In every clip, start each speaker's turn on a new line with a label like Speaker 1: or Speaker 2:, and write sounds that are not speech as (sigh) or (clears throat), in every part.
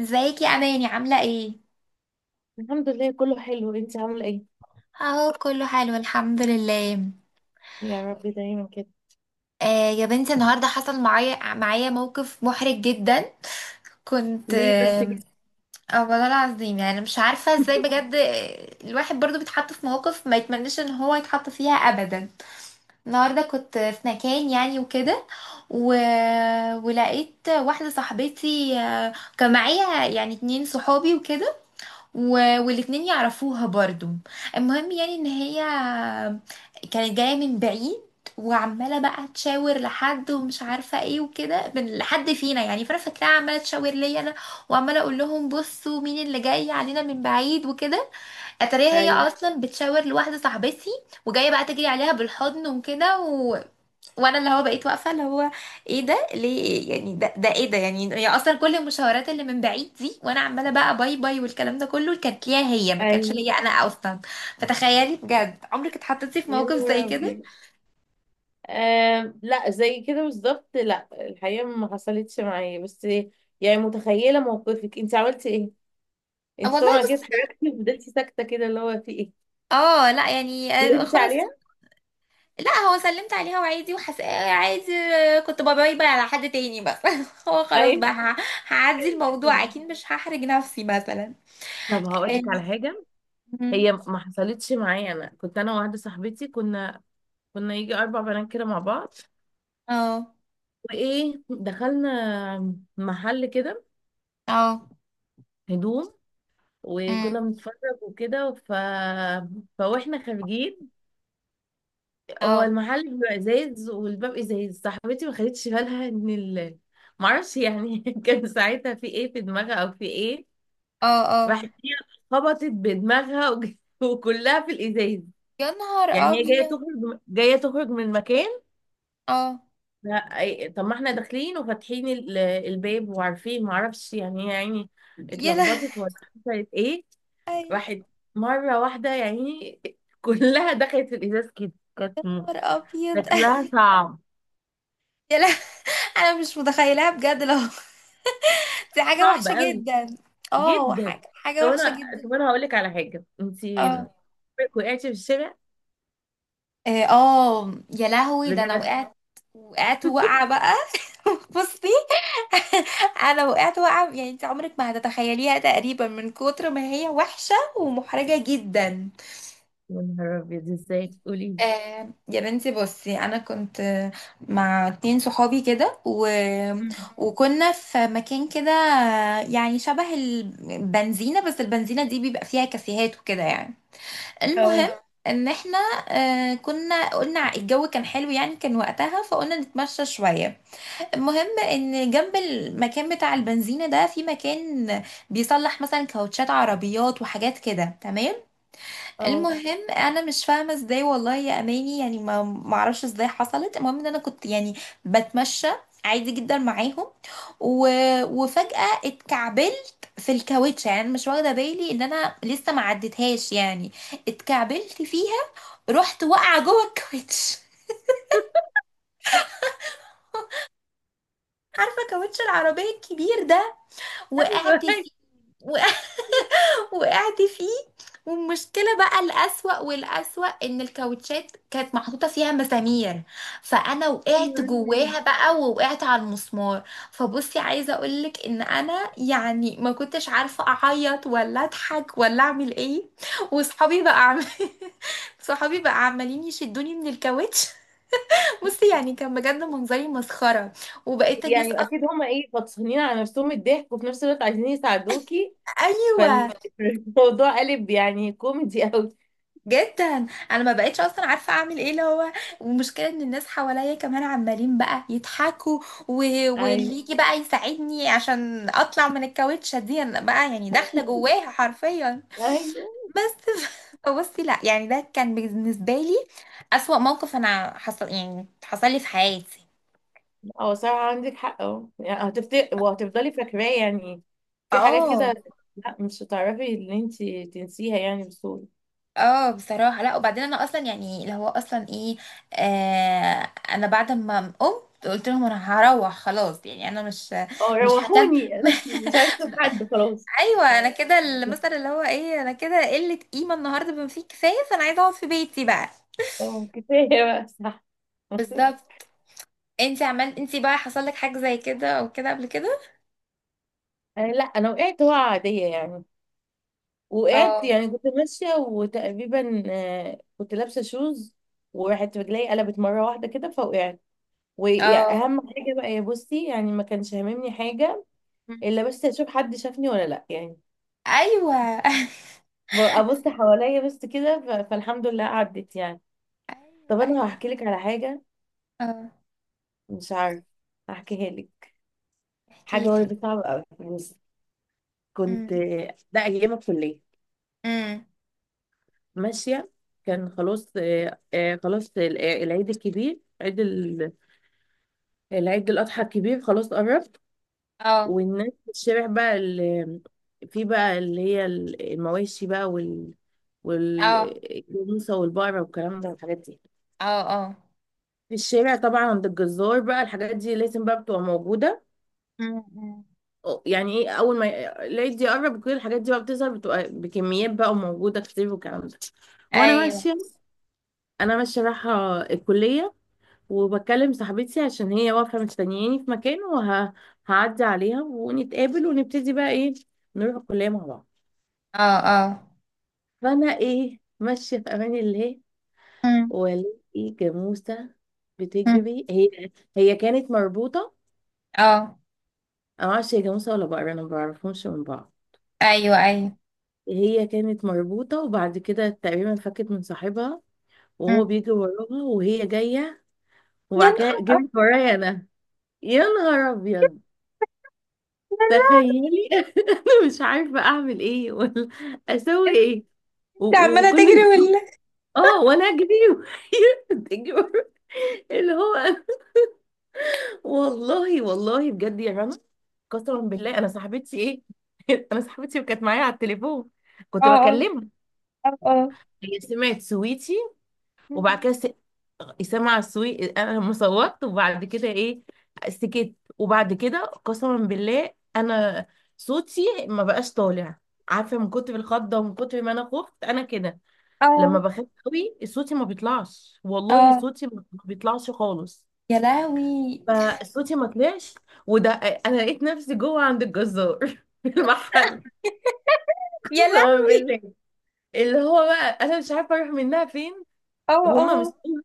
Speaker 1: ازيك يا اماني؟ عامله ايه؟
Speaker 2: الحمد لله، كله حلو. انت عامله ايه؟
Speaker 1: اهو كله حلو الحمد لله.
Speaker 2: يا رب دايما كده.
Speaker 1: آه يا بنتي النهارده حصل معايا موقف محرج جدا. كنت
Speaker 2: ليه بس كده؟
Speaker 1: والله العظيم، يعني مش عارفه ازاي
Speaker 2: (laughs)
Speaker 1: بجد. الواحد برضو بيتحط في مواقف ما يتمناش ان هو يتحط فيها ابدا. النهارده كنت في مكان يعني وكده و... ولقيت واحده صاحبتي. كان معايا يعني اتنين صحابي وكده و... والاتنين يعرفوها برضو. المهم يعني ان هي كانت جاية من بعيد، وعمالة بقى تشاور لحد ومش عارفة ايه وكده من لحد فينا، يعني فانا فاكراها عمالة تشاور ليا انا، وعمالة اقول لهم بصوا مين اللي جاي علينا من بعيد وكده. اتاريها هي
Speaker 2: ايوه،
Speaker 1: اصلا بتشاور لواحدة صاحبتي وجاية بقى تجري عليها بالحضن وكده وانا اللي هو بقيت واقفه اللي هو ايه ده، ليه يعني، ده ايه ده، يعني هي اصلا كل المشاورات اللي من بعيد دي وانا عماله بقى باي باي والكلام ده كله كانت ليها هي، ما كانتش
Speaker 2: ايوه.
Speaker 1: ليا انا اصلا. فتخيلي بجد، عمرك اتحطيتي في
Speaker 2: يا
Speaker 1: موقف زي
Speaker 2: نهار
Speaker 1: كده؟
Speaker 2: ابيض. آه، لا زي كده بالظبط، لا. الحقيقه ما حصلتش معايا، بس. يعني متخيله موقفك، انت عملتي ايه؟ انت
Speaker 1: والله
Speaker 2: طبعا كده
Speaker 1: بص،
Speaker 2: اتحركتي وفضلتي ساكته كده، اللي هو في ايه؟
Speaker 1: اه لا يعني
Speaker 2: قلبتي
Speaker 1: خلاص.
Speaker 2: عليها؟
Speaker 1: لا هو سلمت عليها وعادي وحس، عادي. كنت باي باي على حد تاني بس. (laughs) هو خلاص
Speaker 2: ايوه.
Speaker 1: بقى هعدي الموضوع، اكيد مش هحرج نفسي مثلا.
Speaker 2: طب هقول لك على حاجه.
Speaker 1: اه.
Speaker 2: هي ما حصلتش معايا. انا كنت انا وواحده صاحبتي، كنا يجي اربع بنات كده مع بعض.
Speaker 1: اه.
Speaker 2: وايه، دخلنا محل كده.
Speaker 1: اه.
Speaker 2: هدوم. وكنا
Speaker 1: أمم.
Speaker 2: بنتفرج وكده فواحنا خارجين. هو
Speaker 1: اه.
Speaker 2: المحل بيبقى ازاز والباب ازاز. صاحبتي ما خدتش بالها ان معرفش يعني. (laughs) كان ساعتها في ايه في دماغها او في ايه؟
Speaker 1: اه. اه.
Speaker 2: راحت هي، خبطت بدماغها (laughs) وكلها في الازاز.
Speaker 1: يا نهار
Speaker 2: يعني هي جايه
Speaker 1: ابيض.
Speaker 2: تخرج جايه تخرج من مكان.
Speaker 1: اه.
Speaker 2: لا، طب ما احنا داخلين وفاتحين الباب وعارفين، معرفش يعني، هي يعني
Speaker 1: يا لا.
Speaker 2: اتلخبطت ولا حصلت ايه؟
Speaker 1: اي.
Speaker 2: واحد مرة واحدة يعني، كلها دخلت في الإزاز كده. كانت م-
Speaker 1: نهار ابيض.
Speaker 2: شكلها
Speaker 1: (laughs)
Speaker 2: صعب.
Speaker 1: يا لا، انا مش متخيلاها بجد. لو (laughs) دي حاجه
Speaker 2: صعب
Speaker 1: وحشه
Speaker 2: قوي.
Speaker 1: جدا. اه
Speaker 2: جدا.
Speaker 1: حاجه،
Speaker 2: طب
Speaker 1: حاجه وحشه
Speaker 2: أنا
Speaker 1: جدا.
Speaker 2: هقول لك على حاجة، أنتي
Speaker 1: اه.
Speaker 2: عمرك وقعتي في الشارع؟
Speaker 1: إيه، اه. يا لهوي، ده انا
Speaker 2: بجد؟
Speaker 1: وقعت، وقعت وقعه بقى. (laughs) بصي. (laughs) انا وقعت وقعه يعني انت عمرك ما هتتخيليها تقريبا، من كتر ما هي وحشه ومحرجه جدا.
Speaker 2: يا نهار أبيض، إزاي تقولي لي؟
Speaker 1: آه يا بنتي بصي، انا كنت مع اتنين صحابي كده
Speaker 2: مم.
Speaker 1: وكنا في مكان كده، يعني شبه البنزينة، بس البنزينة دي بيبقى فيها كافيهات وكده يعني. المهم
Speaker 2: اه،
Speaker 1: ان احنا، كنا قلنا الجو كان حلو يعني، كان وقتها فقلنا نتمشى شوية. المهم ان جنب المكان بتاع البنزينة ده في مكان بيصلح مثلا كاوتشات عربيات وحاجات كده، تمام.
Speaker 2: أه.
Speaker 1: المهم انا مش فاهمه ازاي والله يا اماني، يعني ما اعرفش ازاي حصلت. المهم ان انا كنت يعني بتمشى عادي جدا معاهم و... وفجاه اتكعبلت في الكاوتش، يعني أنا مش واخده بالي ان انا لسه ما عدتهاش يعني. اتكعبلت فيها، رحت واقعه جوه الكاوتش. (laughs) عارفه كاوتش العربيه الكبير ده؟
Speaker 2: أيوه.
Speaker 1: وقعت فيه، وقعت فيه. والمشكلة بقى الأسوأ والأسوأ، إن الكاوتشات كانت محطوطة فيها مسامير، فأنا
Speaker 2: يا
Speaker 1: وقعت
Speaker 2: نهار أبيض.
Speaker 1: جواها بقى ووقعت على المسمار. فبصي، عايزة أقولك إن أنا يعني ما كنتش عارفة أعيط ولا أضحك ولا أعمل إيه. وصحابي بقى (laughs) صحابي بقى عمالين يشدوني من الكاوتش. (laughs) بصي يعني كان بجد منظري مسخرة، وبقيت الناس
Speaker 2: يعني
Speaker 1: أصلا.
Speaker 2: أكيد هما، إيه، فطسانين على نفسهم الضحك وفي نفس الوقت عايزين يساعدوكي،
Speaker 1: أيوه.
Speaker 2: فالموضوع (laughs) قلب يعني كوميدي أوي.
Speaker 1: جدا، انا ما بقتش اصلا عارفه اعمل ايه اللي هو. والمشكله ان الناس حواليا كمان عمالين بقى يضحكوا و... واللي
Speaker 2: أيوه،
Speaker 1: يجي بقى يساعدني عشان اطلع من الكاوتشه دي، أنا بقى يعني داخله جواها حرفيا.
Speaker 2: أيوه.
Speaker 1: بس (laughs) بصي لا يعني، ده كان بالنسبه لي اسوأ موقف انا حصل يعني حصل لي في حياتي.
Speaker 2: اه، صراحة عندك حق، اه، يعني هتفتكر وهتفضلي فاكراه يعني. في حاجات
Speaker 1: اه.
Speaker 2: كده. لا، مش هتعرفي ان انت تنسيها يعني بسهولة.
Speaker 1: اه بصراحه. لا وبعدين انا اصلا يعني اللي هو اصلا ايه، انا بعد ما قمت قلت لهم انا هروح خلاص، يعني انا
Speaker 2: اه،
Speaker 1: مش هكمل.
Speaker 2: روحوني، (laughs) انا مش عارفه في حد، خلاص.
Speaker 1: ايوه انا كده، المثل اللي هو ايه، انا كده قله قيمه النهارده بما فيه كفايه، فانا عايزه اقعد في بيتي بقى.
Speaker 2: اه، كفاية بقى، صح. (laughs)
Speaker 1: بالظبط. انت عملت، انت بقى حصل لك حاجه زي كده او كده قبل كده؟
Speaker 2: آه، لا انا وقعت وقعة عادية يعني. وقعت
Speaker 1: اه.
Speaker 2: يعني كنت ماشية وتقريبا كنت لابسة شوز. وراحت رجلي قلبت مرة واحدة كده فوقعت.
Speaker 1: اه.
Speaker 2: واهم حاجة بقى، يا بصي، يعني ما كانش هاممني حاجة،
Speaker 1: مم.
Speaker 2: الا بس اشوف حد شافني ولا لا يعني.
Speaker 1: ايوه. (laughs)
Speaker 2: ابص حواليا بس كده، ف- فالحمد لله عدت يعني.
Speaker 1: ايوه
Speaker 2: طب انا
Speaker 1: ايوه.
Speaker 2: هحكي لك على حاجه.
Speaker 1: اه،
Speaker 2: مش عارف. هحكيها لك.
Speaker 1: احكي
Speaker 2: حاجه
Speaker 1: لي.
Speaker 2: برضه صعبه قوي. بص. كنت،
Speaker 1: امم.
Speaker 2: ده ايام الكليه.
Speaker 1: امم.
Speaker 2: ماشيه. كان خلاص خلاص العيد الكبير، عيد العيد الاضحى الكبير، خلاص قربت.
Speaker 1: اه.
Speaker 2: والناس في الشارع بقى في بقى اللي هي المواشي بقى
Speaker 1: اه.
Speaker 2: والجاموسه والبقره والكلام ده والحاجات دي.
Speaker 1: اه. اه.
Speaker 2: في الشارع طبعا عند الجزار بقى الحاجات دي لازم بقى بتبقى موجودة.
Speaker 1: مم، مم.
Speaker 2: يعني ايه اول ما العيد يقرب وكده الحاجات دي بقى بتظهر، بتبقى بكميات بقى وموجودة كتير والكلام ده. وانا
Speaker 1: ايوه.
Speaker 2: ماشية. انا ماشية رايحة الكلية، وبكلم صاحبتي عشان هي واقفة مستنياني في مكان وهعدي عليها ونتقابل ونبتدي بقى ايه، نروح الكلية مع بعض.
Speaker 1: اه. اه.
Speaker 2: فانا ايه ماشية في امان الله،
Speaker 1: مم،
Speaker 2: والاقي جاموسة
Speaker 1: مم.
Speaker 2: بتجري هي. هي كانت مربوطة.
Speaker 1: اه.
Speaker 2: أنا معرفش هي جاموسة ولا بقرة، أنا مبعرفهمش من بعض.
Speaker 1: ايوه ايوه.
Speaker 2: هي كانت مربوطة وبعد كده تقريبا فكت من صاحبها، وهو
Speaker 1: مم.
Speaker 2: بيجي وراها وهي جاية.
Speaker 1: يا
Speaker 2: وبعد كده
Speaker 1: نهار
Speaker 2: جريت ورايا أنا. يا نهار أبيض، تخيلي. (laughs) أنا مش عارفة أعمل إيه ولا أسوي
Speaker 1: أبيض،
Speaker 2: إيه
Speaker 1: انت
Speaker 2: و-
Speaker 1: عماله تجري
Speaker 2: وكل
Speaker 1: ولا؟
Speaker 2: آه وأنا أجري (laughs) وهي بتجري ورايا. اللي هو أنا- والله، والله، بجد يا رنا. قسما بالله، أنا صاحبتي إيه. (laughs) أنا صاحبتي وكانت معايا على التليفون، كنت
Speaker 1: اه. اه.
Speaker 2: بكلمها.
Speaker 1: اه.
Speaker 2: هي سمعت سويتي،
Speaker 1: اه.
Speaker 2: وبعد كده اسامه عاشور. انا لما صوتت وبعد كده ايه، سكت. وبعد كده قسما بالله، انا صوتي ما بقاش طالع. عارفه، من كتر الخضه ومن كتر ما انا خفت انا كده، لما
Speaker 1: اه.
Speaker 2: بخاف قوي صوتي ما بيطلعش. والله
Speaker 1: اه.
Speaker 2: صوتي ما بيطلعش خالص.
Speaker 1: يا لهوي.
Speaker 2: فصوتي ما طلعش. وده انا لقيت نفسي جوه عند الجزار (laughs) في المحل.
Speaker 1: يا
Speaker 2: قسما
Speaker 1: لهوي.
Speaker 2: بالله، اللي هو بقى انا مش عارفه اروح منها فين.
Speaker 1: اه.
Speaker 2: وهم
Speaker 1: اه.
Speaker 2: مستنيين.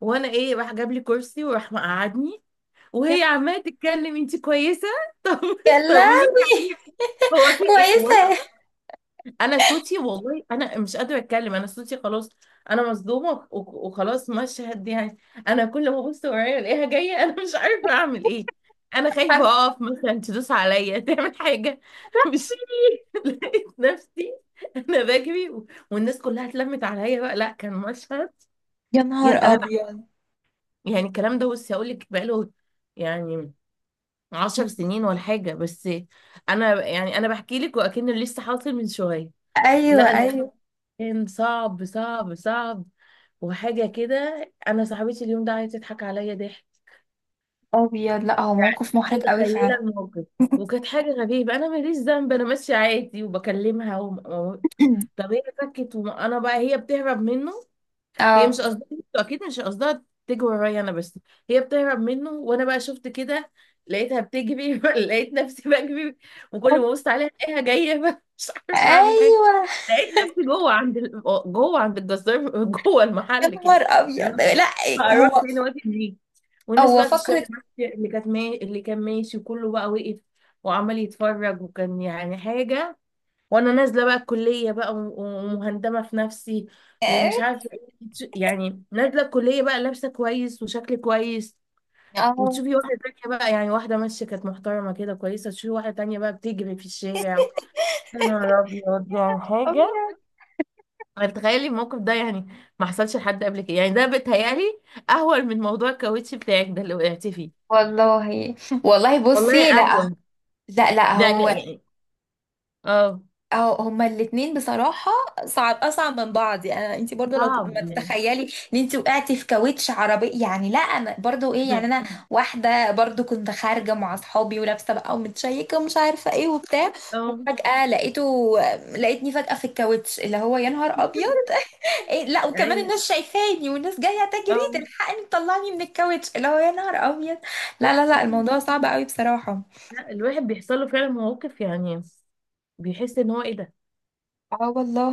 Speaker 2: وانا
Speaker 1: آه.
Speaker 2: ايه، راح جاب لي كرسي وراح مقعدني.
Speaker 1: يا
Speaker 2: وهي
Speaker 1: نهار.
Speaker 2: عماله تتكلم: انت كويسه؟ (laughs) طب
Speaker 1: يا
Speaker 2: طمنيني،
Speaker 1: لهوي.
Speaker 2: هو في
Speaker 1: (laughs)
Speaker 2: ايه؟ وانا،
Speaker 1: كويسة.
Speaker 2: انا صوتي، والله انا مش قادره اتكلم. انا صوتي خلاص. انا مصدومه وخ- وخلاص، مشهد يعني. انا كل ما ابص ورايا الاقيها جايه، انا مش عارفه اعمل ايه. انا خايفه اقف مثلا تدوس عليا تعمل حاجه. (laughs) مش لقيت نفسي، انا بجري و- والناس كلها اتلمت عليا بقى، لا كان مشهد،
Speaker 1: يا نهار
Speaker 2: يعني انا،
Speaker 1: أبيض.
Speaker 2: يعني الكلام ده بصي هقول لك بقاله، يعني 10 سنين ولا حاجة، بس أنا يعني أنا بحكي لك وأكنه لسه حاصل من شوية.
Speaker 1: أيوه
Speaker 2: لا، لا،
Speaker 1: أيوه.
Speaker 2: كان صعب صعب صعب، وحاجة كده، أنا صاحبتي اليوم ده عايزة تضحك عليا ضحك.
Speaker 1: أبيض، لا هو موقف محرج قوي
Speaker 2: متخيلة
Speaker 1: فعلا.
Speaker 2: الموقف. وكانت حاجة غريبة، أنا ماليش ذنب، أنا ماشية عادي وبكلمها طب هي فكت وأنا بقى هي بتهرب منه.
Speaker 1: (clears throat)
Speaker 2: هي مش
Speaker 1: اه.
Speaker 2: قصدها، اكيد مش قصدها تجري ورايا انا، بس هي بتهرب منه وانا بقى شفت كده، لقيتها بتجري. (laughs) لقيت نفسي بجري، وكل ما ابص عليها الاقيها جايه (laughs) بقى، مش عارفه اعمل حاجه.
Speaker 1: أيوه.
Speaker 2: لقيت نفسي جوه عند جوه عند الجزار (laughs) جوه
Speaker 1: يا
Speaker 2: المحل كده.
Speaker 1: نهار أبيض.
Speaker 2: اللي
Speaker 1: لا.
Speaker 2: هو هروح
Speaker 1: هو.
Speaker 2: فين واجي منين؟ والناس
Speaker 1: هو
Speaker 2: بقى في الشارع،
Speaker 1: فكرة.
Speaker 2: اللي كانت ما... اللي كان ماشي وكله بقى وقف وعمال يتفرج، وكان يعني حاجه. وانا نازله بقى الكليه بقى و- ومهندمه في نفسي،
Speaker 1: اه.
Speaker 2: ومش عارفه ايه يعني نازله الكليه بقى لابسه كويس وشكل كويس، وتشوفي واحده تانية بقى، يعني واحده ماشيه كانت محترمه كده كويسه، تشوفي واحده تانية بقى بتجري في الشارع. يا نهار ابيض، يعني حاجه.
Speaker 1: أبيض.
Speaker 2: يعني تخيلي الموقف ده يعني ما حصلش لحد قبل كده، يعني ده بيتهيألي اهون من موضوع الكاوتش بتاعك ده اللي وقعتي فيه.
Speaker 1: والله، والله
Speaker 2: والله
Speaker 1: بصي لا.
Speaker 2: اهون
Speaker 1: لا لا
Speaker 2: يعني
Speaker 1: هو.
Speaker 2: يعني اه،
Speaker 1: اه، هما الاتنين بصراحة صعب، أصعب من بعض. يعني انتي برضو لو ما
Speaker 2: صعب يعني.
Speaker 1: تتخيلي ان انتي وقعتي في كاوتش عربي، يعني. لا أنا برضو ايه، يعني أنا
Speaker 2: (laughs)
Speaker 1: واحدة برضو كنت خارجة مع أصحابي ولابسة بقى ومتشيكة ومش عارفة ايه وبتاع،
Speaker 2: اه،
Speaker 1: فجأة لقيته، لقيتني فجأة في الكاوتش، اللي هو يا نهار أبيض. (laughs) إيه، لا وكمان
Speaker 2: ايوه.
Speaker 1: الناس شايفاني والناس جاية تجري
Speaker 2: اه،
Speaker 1: تلحقني تطلعني من الكاوتش، اللي هو يا نهار أبيض. لا لا لا، الموضوع صعب قوي بصراحة.
Speaker 2: لا الواحد بيحصل له فعلا مواقف يعني بيحس ان هو ايه ده.
Speaker 1: اه والله.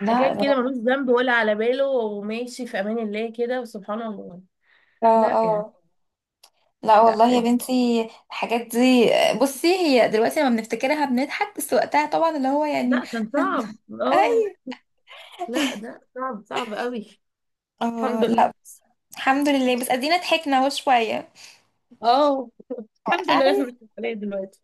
Speaker 1: لا.
Speaker 2: كده ملوش ذنب ولا على باله وماشي في امان الله كده، وسبحان الله.
Speaker 1: اه.
Speaker 2: لا
Speaker 1: اه.
Speaker 2: يعني،
Speaker 1: لا
Speaker 2: لا
Speaker 1: والله يا
Speaker 2: إيه.
Speaker 1: بنتي الحاجات دي، بصي هي دلوقتي لما بنفتكرها بنضحك، بس وقتها طبعا اللي هو يعني.
Speaker 2: لا
Speaker 1: (laughs)
Speaker 2: كان صعب. اه،
Speaker 1: اي.
Speaker 2: لا ده صعب صعب قوي.
Speaker 1: اه.
Speaker 2: الحمد لله.
Speaker 1: لا الحمد لله، بس ادينا ضحكنا اهو شويه.
Speaker 2: اه، الحمد لله،
Speaker 1: اي.
Speaker 2: احنا مش مسؤولين دلوقتي.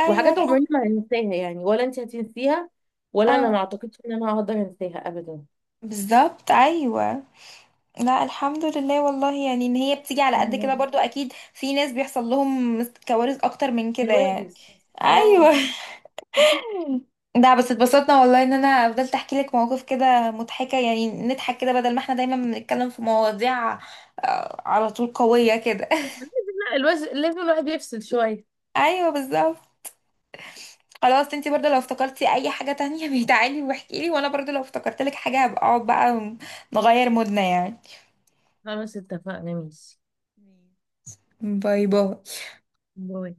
Speaker 1: ايوه
Speaker 2: وحاجات
Speaker 1: الحمد.
Speaker 2: عمرنا ما هننساها يعني، ولا انت هتنسيها، ولا انا ما
Speaker 1: اه
Speaker 2: اعتقدش ان انا هقدر انساها ابدا.
Speaker 1: بالظبط، ايوه. لا الحمد لله والله، يعني ان هي بتيجي على قد
Speaker 2: اه.
Speaker 1: كده برضو، اكيد في ناس بيحصل لهم كوارث اكتر من كده يعني.
Speaker 2: كوارث. اه.
Speaker 1: ايوه. ده بس اتبسطنا والله ان انا فضلت احكي لك مواقف كده مضحكة، يعني نضحك كده بدل ما احنا دايما بنتكلم في مواضيع على طول قوية كده.
Speaker 2: (laughs) لا، الواحد لازم الواحد يفصل شوية.
Speaker 1: (laughs) ايوه بالظبط. خلاص انتي برضه لو افتكرتي اي حاجة تانية (laughs) بيتعالي واحكي لي، وانا برضه لو افتكرت لك حاجة هبقى اقعد بقى نغير مودنا يعني.
Speaker 2: خلاص، اتفقنا، ماشي.
Speaker 1: ماشي. باي باي.
Speaker 2: باي.